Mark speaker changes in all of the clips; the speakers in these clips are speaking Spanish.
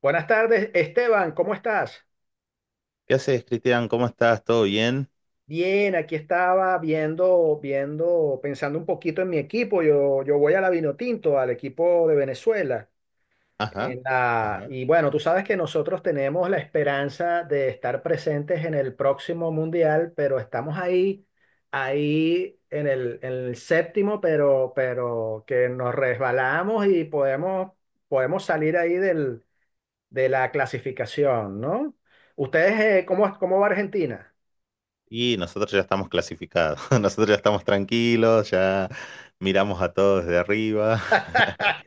Speaker 1: Buenas tardes, Esteban, ¿cómo estás?
Speaker 2: ¿Qué haces, Cristian? ¿Cómo estás? ¿Todo bien?
Speaker 1: Bien, aquí estaba viendo, pensando un poquito en mi equipo. Yo voy a la Vinotinto, al equipo de Venezuela.
Speaker 2: Ajá,
Speaker 1: En la-
Speaker 2: ajá.
Speaker 1: y bueno, tú sabes que nosotros tenemos la esperanza de estar presentes en el próximo mundial, pero estamos ahí en el séptimo, pero que nos resbalamos y podemos salir ahí de la clasificación, ¿no? ¿Ustedes cómo va Argentina?
Speaker 2: Y nosotros ya estamos clasificados, nosotros ya estamos tranquilos, ya miramos a todos desde arriba.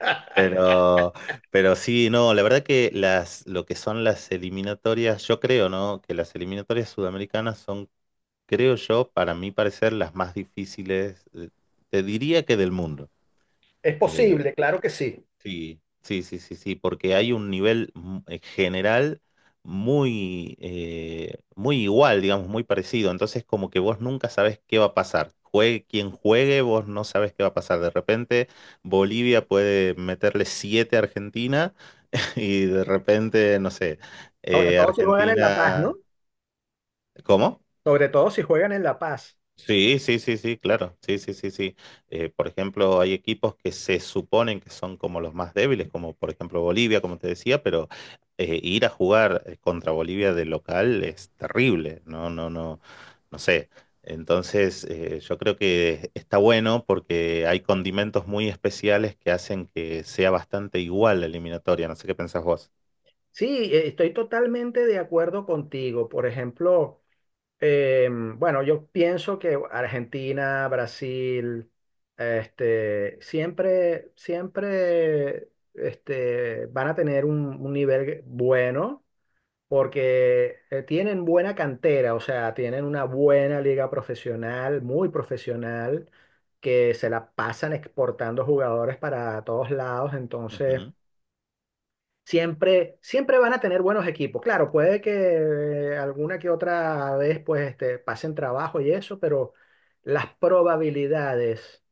Speaker 2: pero, pero sí, no, la verdad que lo que son las eliminatorias, yo creo, ¿no? Que las eliminatorias sudamericanas son, creo yo, para mi parecer, las más difíciles, te diría que del mundo.
Speaker 1: Es
Speaker 2: Eh,
Speaker 1: posible, claro que sí.
Speaker 2: Sí, sí, sí, sí, sí, porque hay un nivel general muy igual, digamos, muy parecido. Entonces, como que vos nunca sabés qué va a pasar. Juegue quien juegue, vos no sabés qué va a pasar. De repente, Bolivia puede meterle 7 a Argentina y de repente, no sé,
Speaker 1: Sobre todo si juegan en La Paz, ¿no?
Speaker 2: Argentina. ¿Cómo?
Speaker 1: Sobre todo si juegan en La Paz.
Speaker 2: Sí, sí, sí, sí, claro. Sí, sí, sí, sí. Por ejemplo, hay equipos que se suponen que son como los más débiles, como por ejemplo Bolivia, como te decía, pero ir a jugar contra Bolivia de local es terrible. No, no, no, no sé. Entonces, yo creo que está bueno porque hay condimentos muy especiales que hacen que sea bastante igual la eliminatoria. No sé qué pensás vos.
Speaker 1: Sí, estoy totalmente de acuerdo contigo. Por ejemplo, bueno, yo pienso que Argentina, Brasil, este, siempre, este, van a tener un nivel bueno porque tienen buena cantera, o sea, tienen una buena liga profesional, muy profesional, que se la pasan exportando jugadores para todos lados, entonces
Speaker 2: Ujú,
Speaker 1: siempre van a tener buenos equipos. Claro, puede que alguna que otra vez pues este, pasen trabajo y eso, pero las probabilidades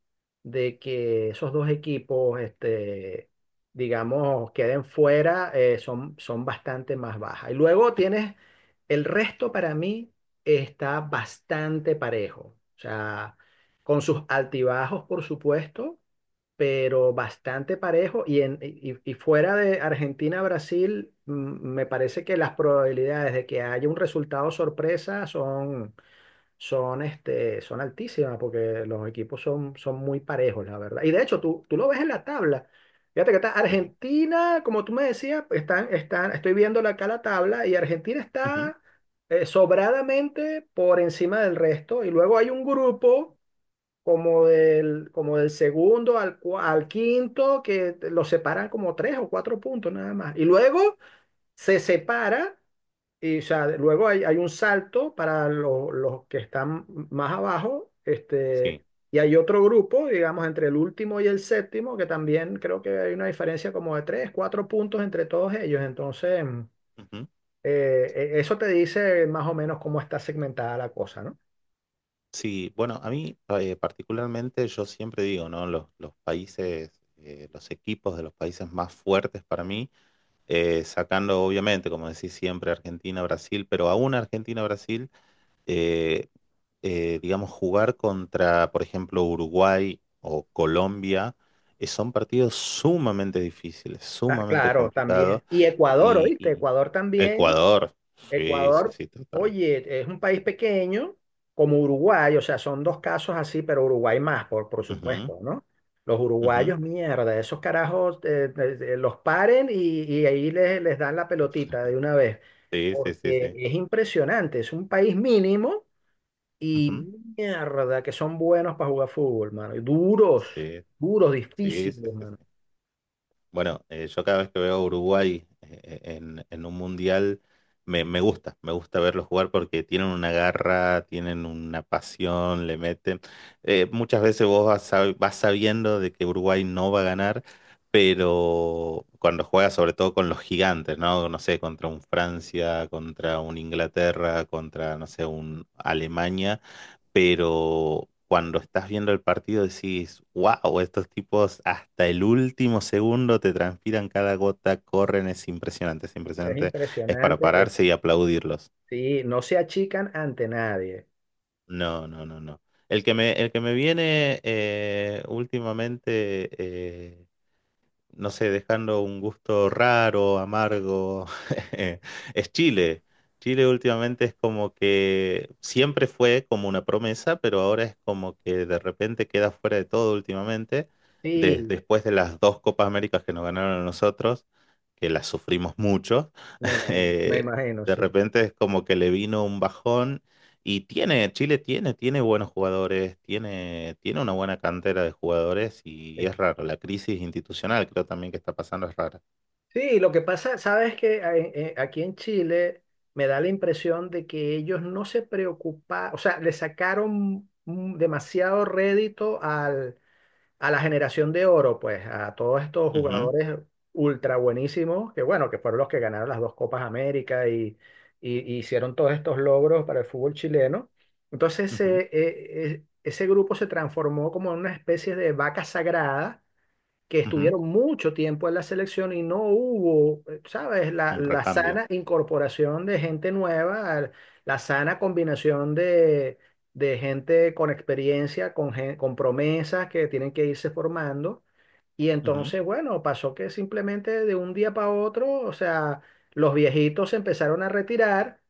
Speaker 1: de que esos dos equipos, este, digamos, queden fuera son bastante más bajas. Y luego tienes el resto para mí está bastante parejo. O sea, con sus altibajos, por supuesto, pero bastante parejo. Y fuera de Argentina-Brasil, me parece que las probabilidades de que haya un resultado sorpresa son altísimas, porque los equipos son muy parejos, la verdad. Y de hecho, tú lo ves en la tabla. Fíjate que está
Speaker 2: sí.
Speaker 1: Argentina, como tú me decías, estoy viendo acá la tabla y Argentina
Speaker 2: Ujú,
Speaker 1: está sobradamente por encima del resto. Y luego hay un grupo como del segundo al quinto, que los separan como tres o cuatro puntos nada más. Y luego se separa, y o sea, luego hay un salto para los que están más abajo,
Speaker 2: sí.
Speaker 1: este, y hay otro grupo, digamos, entre el último y el séptimo, que también creo que hay una diferencia como de tres, cuatro puntos entre todos ellos. Entonces,
Speaker 2: Ujú.
Speaker 1: eso te dice más o menos cómo está segmentada la cosa, ¿no?
Speaker 2: Sí, bueno, a mí particularmente yo siempre digo, ¿no? Los países, los equipos de los países más fuertes para mí, sacando obviamente, como decís siempre, Argentina, Brasil, pero aún Argentina, Brasil, eh, digamos, jugar contra, por ejemplo, Uruguay o Colombia, son partidos sumamente difíciles,
Speaker 1: Ah,
Speaker 2: sumamente
Speaker 1: claro, también.
Speaker 2: complicados.
Speaker 1: Y Ecuador,
Speaker 2: Y,
Speaker 1: ¿oíste?
Speaker 2: y
Speaker 1: Ecuador también.
Speaker 2: Ecuador, sí, sí,
Speaker 1: Ecuador,
Speaker 2: sí, total.
Speaker 1: oye, es un país pequeño como Uruguay, o sea, son dos casos así, pero Uruguay más, por
Speaker 2: Ujú,
Speaker 1: supuesto, ¿no? Los
Speaker 2: ujú,
Speaker 1: uruguayos, mierda, esos carajos los paren y ahí les dan la pelotita de una vez,
Speaker 2: sí, sí, sí,
Speaker 1: porque
Speaker 2: sí.
Speaker 1: es impresionante, es un país mínimo y
Speaker 2: Ujú.
Speaker 1: mierda, que son buenos para jugar fútbol, mano, y duros,
Speaker 2: Sí,
Speaker 1: duros,
Speaker 2: sí, sí,
Speaker 1: difíciles,
Speaker 2: sí,
Speaker 1: mano.
Speaker 2: sí. Bueno, yo cada vez que veo a Uruguay en un mundial, me gusta verlos jugar porque tienen una garra, tienen una pasión, le meten. Muchas veces vos vas, vas sabiendo de que Uruguay no va a ganar, pero cuando juega sobre todo con los gigantes, ¿no? No sé, contra un Francia, contra un Inglaterra, contra, no sé, un Alemania, pero cuando estás viendo el partido decís, wow, estos tipos hasta el último segundo te transpiran cada gota, corren, es impresionante, es
Speaker 1: Es
Speaker 2: impresionante, es para
Speaker 1: impresionante,
Speaker 2: pararse y aplaudirlos.
Speaker 1: sí, no se achican ante nadie.
Speaker 2: No, no, no, no. El que me viene últimamente, no sé, dejando un gusto raro, amargo. Es Chile. Chile últimamente es como que siempre fue como una promesa, pero ahora es como que de repente queda fuera de todo últimamente,
Speaker 1: Sí,
Speaker 2: después de las dos Copas Américas que nos ganaron a nosotros, que las sufrimos mucho.
Speaker 1: me imagino, me
Speaker 2: eh,
Speaker 1: imagino,
Speaker 2: de
Speaker 1: sí.
Speaker 2: repente es como que le vino un bajón y Chile tiene, tiene, buenos jugadores, tiene una buena cantera de jugadores
Speaker 1: Sí,
Speaker 2: y es raro. La crisis institucional creo también que está pasando es rara.
Speaker 1: sí, lo que pasa, sabes que aquí en Chile me da la impresión de que ellos no se preocuparon, o sea, le sacaron demasiado rédito a la generación de oro, pues, a todos estos
Speaker 2: Ujú,
Speaker 1: jugadores ultra buenísimos, que bueno, que fueron los que ganaron las dos Copas América y hicieron todos estos logros para el fútbol chileno. Entonces,
Speaker 2: ujú,
Speaker 1: ese grupo se transformó como en una especie de vaca sagrada que
Speaker 2: ujú.
Speaker 1: estuvieron mucho tiempo en la selección y no hubo, ¿sabes? La,
Speaker 2: Un
Speaker 1: la
Speaker 2: recambio.
Speaker 1: sana incorporación de gente nueva, la sana combinación de gente con experiencia, con promesas que tienen que irse formando. Y
Speaker 2: Ujú,
Speaker 1: entonces, bueno, pasó que simplemente de un día para otro, o sea, los viejitos se empezaron a retirar,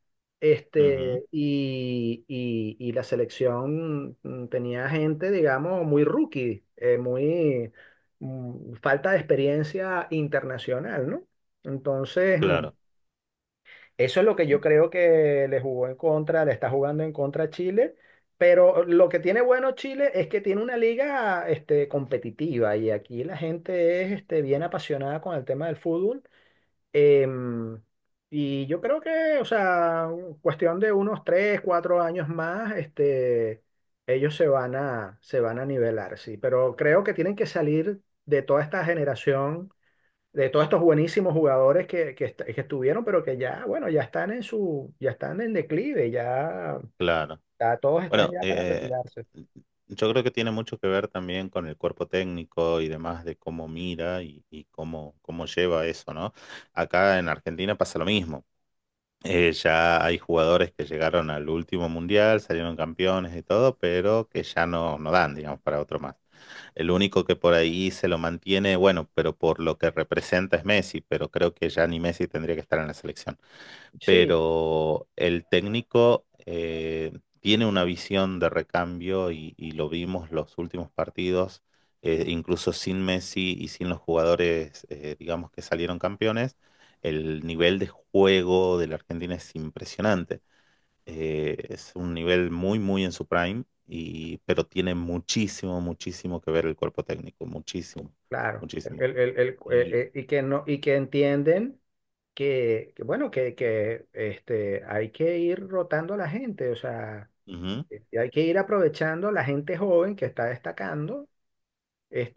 Speaker 2: ujú.
Speaker 1: este, y la selección tenía gente, digamos, muy rookie, muy falta de experiencia internacional, ¿no? Entonces,
Speaker 2: Claro,
Speaker 1: eso es lo que yo
Speaker 2: mm,
Speaker 1: creo que le jugó en contra, le está jugando en contra a Chile, pero lo que tiene bueno Chile es que tiene una liga este, competitiva y aquí la gente es este, bien apasionada con el tema del fútbol. Em, y yo creo que, o sea, cuestión de unos tres, cuatro años más, este, ellos se van a nivelar, sí, pero creo que tienen que salir de toda esta generación de todos estos buenísimos jugadores que estuvieron, pero que ya, bueno, ya están en declive, ya,
Speaker 2: claro.
Speaker 1: ya todos están
Speaker 2: Bueno,
Speaker 1: ya para retirarse.
Speaker 2: yo creo que tiene mucho que ver también con el cuerpo técnico y demás de cómo mira y cómo lleva eso, ¿no? Acá en Argentina pasa lo mismo. Ya hay jugadores que llegaron al último mundial, salieron campeones y todo, pero que ya no dan, digamos, para otro más. El único que por ahí se lo mantiene, bueno, pero por lo que representa es Messi, pero creo que ya ni Messi tendría que estar en la selección,
Speaker 1: Sí,
Speaker 2: pero el técnico tiene una visión de recambio y lo vimos los últimos partidos. Incluso sin Messi y sin los jugadores, digamos, que salieron campeones, el nivel de juego de la Argentina es impresionante. Es un nivel muy, muy en su prime, pero tiene muchísimo, muchísimo que ver el cuerpo técnico, muchísimo,
Speaker 1: claro.
Speaker 2: muchísimo.
Speaker 1: El, el- el- eh,
Speaker 2: Y,
Speaker 1: eh, y que no, y que entienden bueno, que este, hay que ir rotando a la gente, o sea,
Speaker 2: Ujú,
Speaker 1: hay que ir aprovechando a la gente joven que está destacando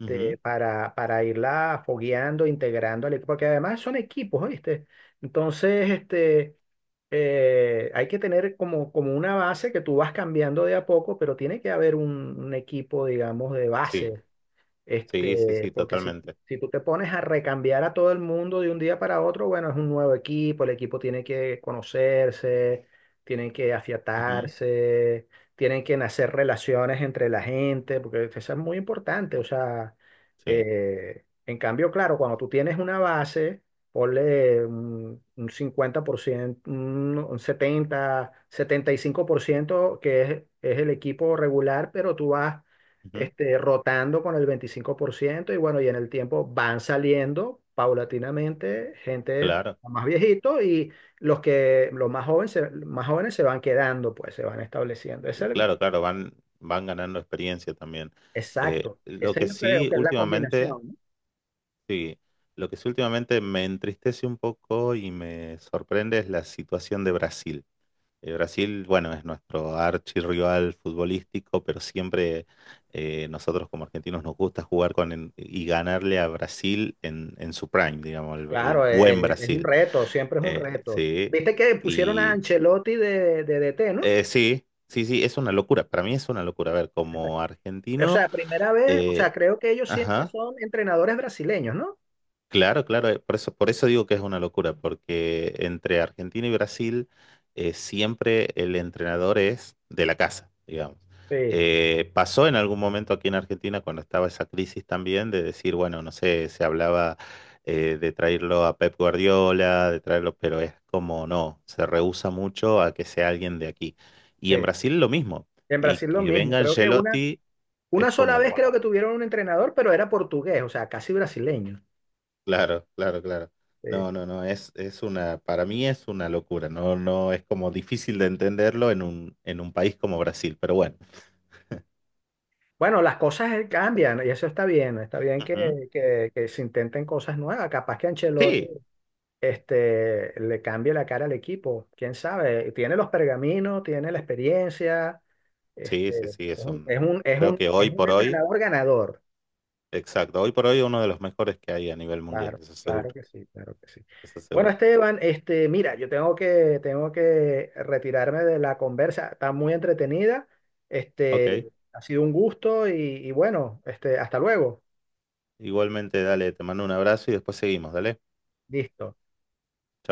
Speaker 2: ujú,
Speaker 1: para irla fogueando, integrando al equipo, porque además son equipos, ¿viste? Entonces, este, hay que tener como, como una base que tú vas cambiando de a poco, pero tiene que haber un equipo, digamos, de
Speaker 2: sí,
Speaker 1: base
Speaker 2: sí, sí,
Speaker 1: este,
Speaker 2: sí,
Speaker 1: porque si,
Speaker 2: totalmente.
Speaker 1: si tú te pones a recambiar a todo el mundo de un día para otro, bueno, es un nuevo equipo, el equipo tiene que conocerse, tienen que
Speaker 2: Ujú.
Speaker 1: afiatarse, tienen que nacer relaciones entre la gente, porque eso es muy importante. O sea,
Speaker 2: Sí,
Speaker 1: en cambio, claro, cuando tú tienes una base, ponle un 50%, un setenta y cinco por ciento que es el equipo regular, pero tú vas
Speaker 2: ujú,
Speaker 1: este, rotando con el 25% y bueno, y en el tiempo van saliendo paulatinamente gente
Speaker 2: claro,
Speaker 1: más viejito y los que los más jóvenes se van quedando, pues se van estableciendo.
Speaker 2: y claro, claro, van ganando experiencia también.
Speaker 1: Exacto.
Speaker 2: Lo
Speaker 1: Esa yo
Speaker 2: que
Speaker 1: creo
Speaker 2: sí
Speaker 1: que es la
Speaker 2: últimamente,
Speaker 1: combinación, ¿no?
Speaker 2: sí, lo que sí últimamente me entristece un poco y me sorprende es la situación de Brasil. Brasil, bueno, es nuestro archirrival futbolístico, pero siempre nosotros como argentinos nos gusta jugar con en- y ganarle a Brasil en, su prime, digamos, el
Speaker 1: Claro,
Speaker 2: buen
Speaker 1: un
Speaker 2: Brasil.
Speaker 1: reto, siempre es un reto.
Speaker 2: Sí.
Speaker 1: Viste que pusieron a Ancelotti de DT, ¿no?
Speaker 2: Sí, sí, sí, es una locura. Para mí es una locura. A ver, como
Speaker 1: O
Speaker 2: argentino,
Speaker 1: sea, primera vez, o sea,
Speaker 2: eh,
Speaker 1: creo que ellos siempre
Speaker 2: ajá.
Speaker 1: son entrenadores brasileños, ¿no?
Speaker 2: Claro, claro, por eso digo que es una locura, porque entre Argentina y Brasil siempre el entrenador es de la casa, digamos.
Speaker 1: Sí,
Speaker 2: Pasó en algún momento aquí en Argentina cuando estaba esa crisis también de decir, bueno, no sé, se hablaba de traerlo a Pep Guardiola, de traerlo, pero es como no, se rehúsa mucho a que sea alguien de aquí. Y
Speaker 1: sí.
Speaker 2: en Brasil lo mismo,
Speaker 1: En
Speaker 2: y
Speaker 1: Brasil lo
Speaker 2: que
Speaker 1: mismo.
Speaker 2: venga
Speaker 1: Creo que
Speaker 2: Ancelotti es
Speaker 1: una sola
Speaker 2: como,
Speaker 1: vez creo
Speaker 2: wow.
Speaker 1: que tuvieron un entrenador, pero era portugués, o sea, casi brasileño.
Speaker 2: Claro, claro, claro.
Speaker 1: Sí.
Speaker 2: No, no, no, es una, para mí es una locura, no, no, es como difícil de entenderlo en un, país como Brasil, pero bueno.
Speaker 1: Bueno, las cosas cambian y eso está bien
Speaker 2: Ujú.
Speaker 1: que se intenten cosas nuevas. Capaz que Ancelotti
Speaker 2: Sí,
Speaker 1: este, le cambie la cara al equipo, quién sabe. Tiene los pergaminos, tiene la experiencia,
Speaker 2: sí, sí,
Speaker 1: este, es
Speaker 2: sí,
Speaker 1: un, es un, es
Speaker 2: creo
Speaker 1: un
Speaker 2: que hoy
Speaker 1: es un
Speaker 2: por hoy,
Speaker 1: entrenador ganador.
Speaker 2: exacto, hoy por hoy uno de los mejores que hay a nivel mundial,
Speaker 1: Claro,
Speaker 2: eso
Speaker 1: claro
Speaker 2: seguro,
Speaker 1: que sí, claro que sí.
Speaker 2: eso
Speaker 1: Bueno,
Speaker 2: seguro.
Speaker 1: Esteban, este, mira, yo tengo que retirarme de la conversa. Está muy entretenida. Este,
Speaker 2: Ok,
Speaker 1: ha sido un gusto y bueno, este, hasta luego.
Speaker 2: igualmente, dale, te mando un abrazo y después seguimos, dale.
Speaker 1: Listo.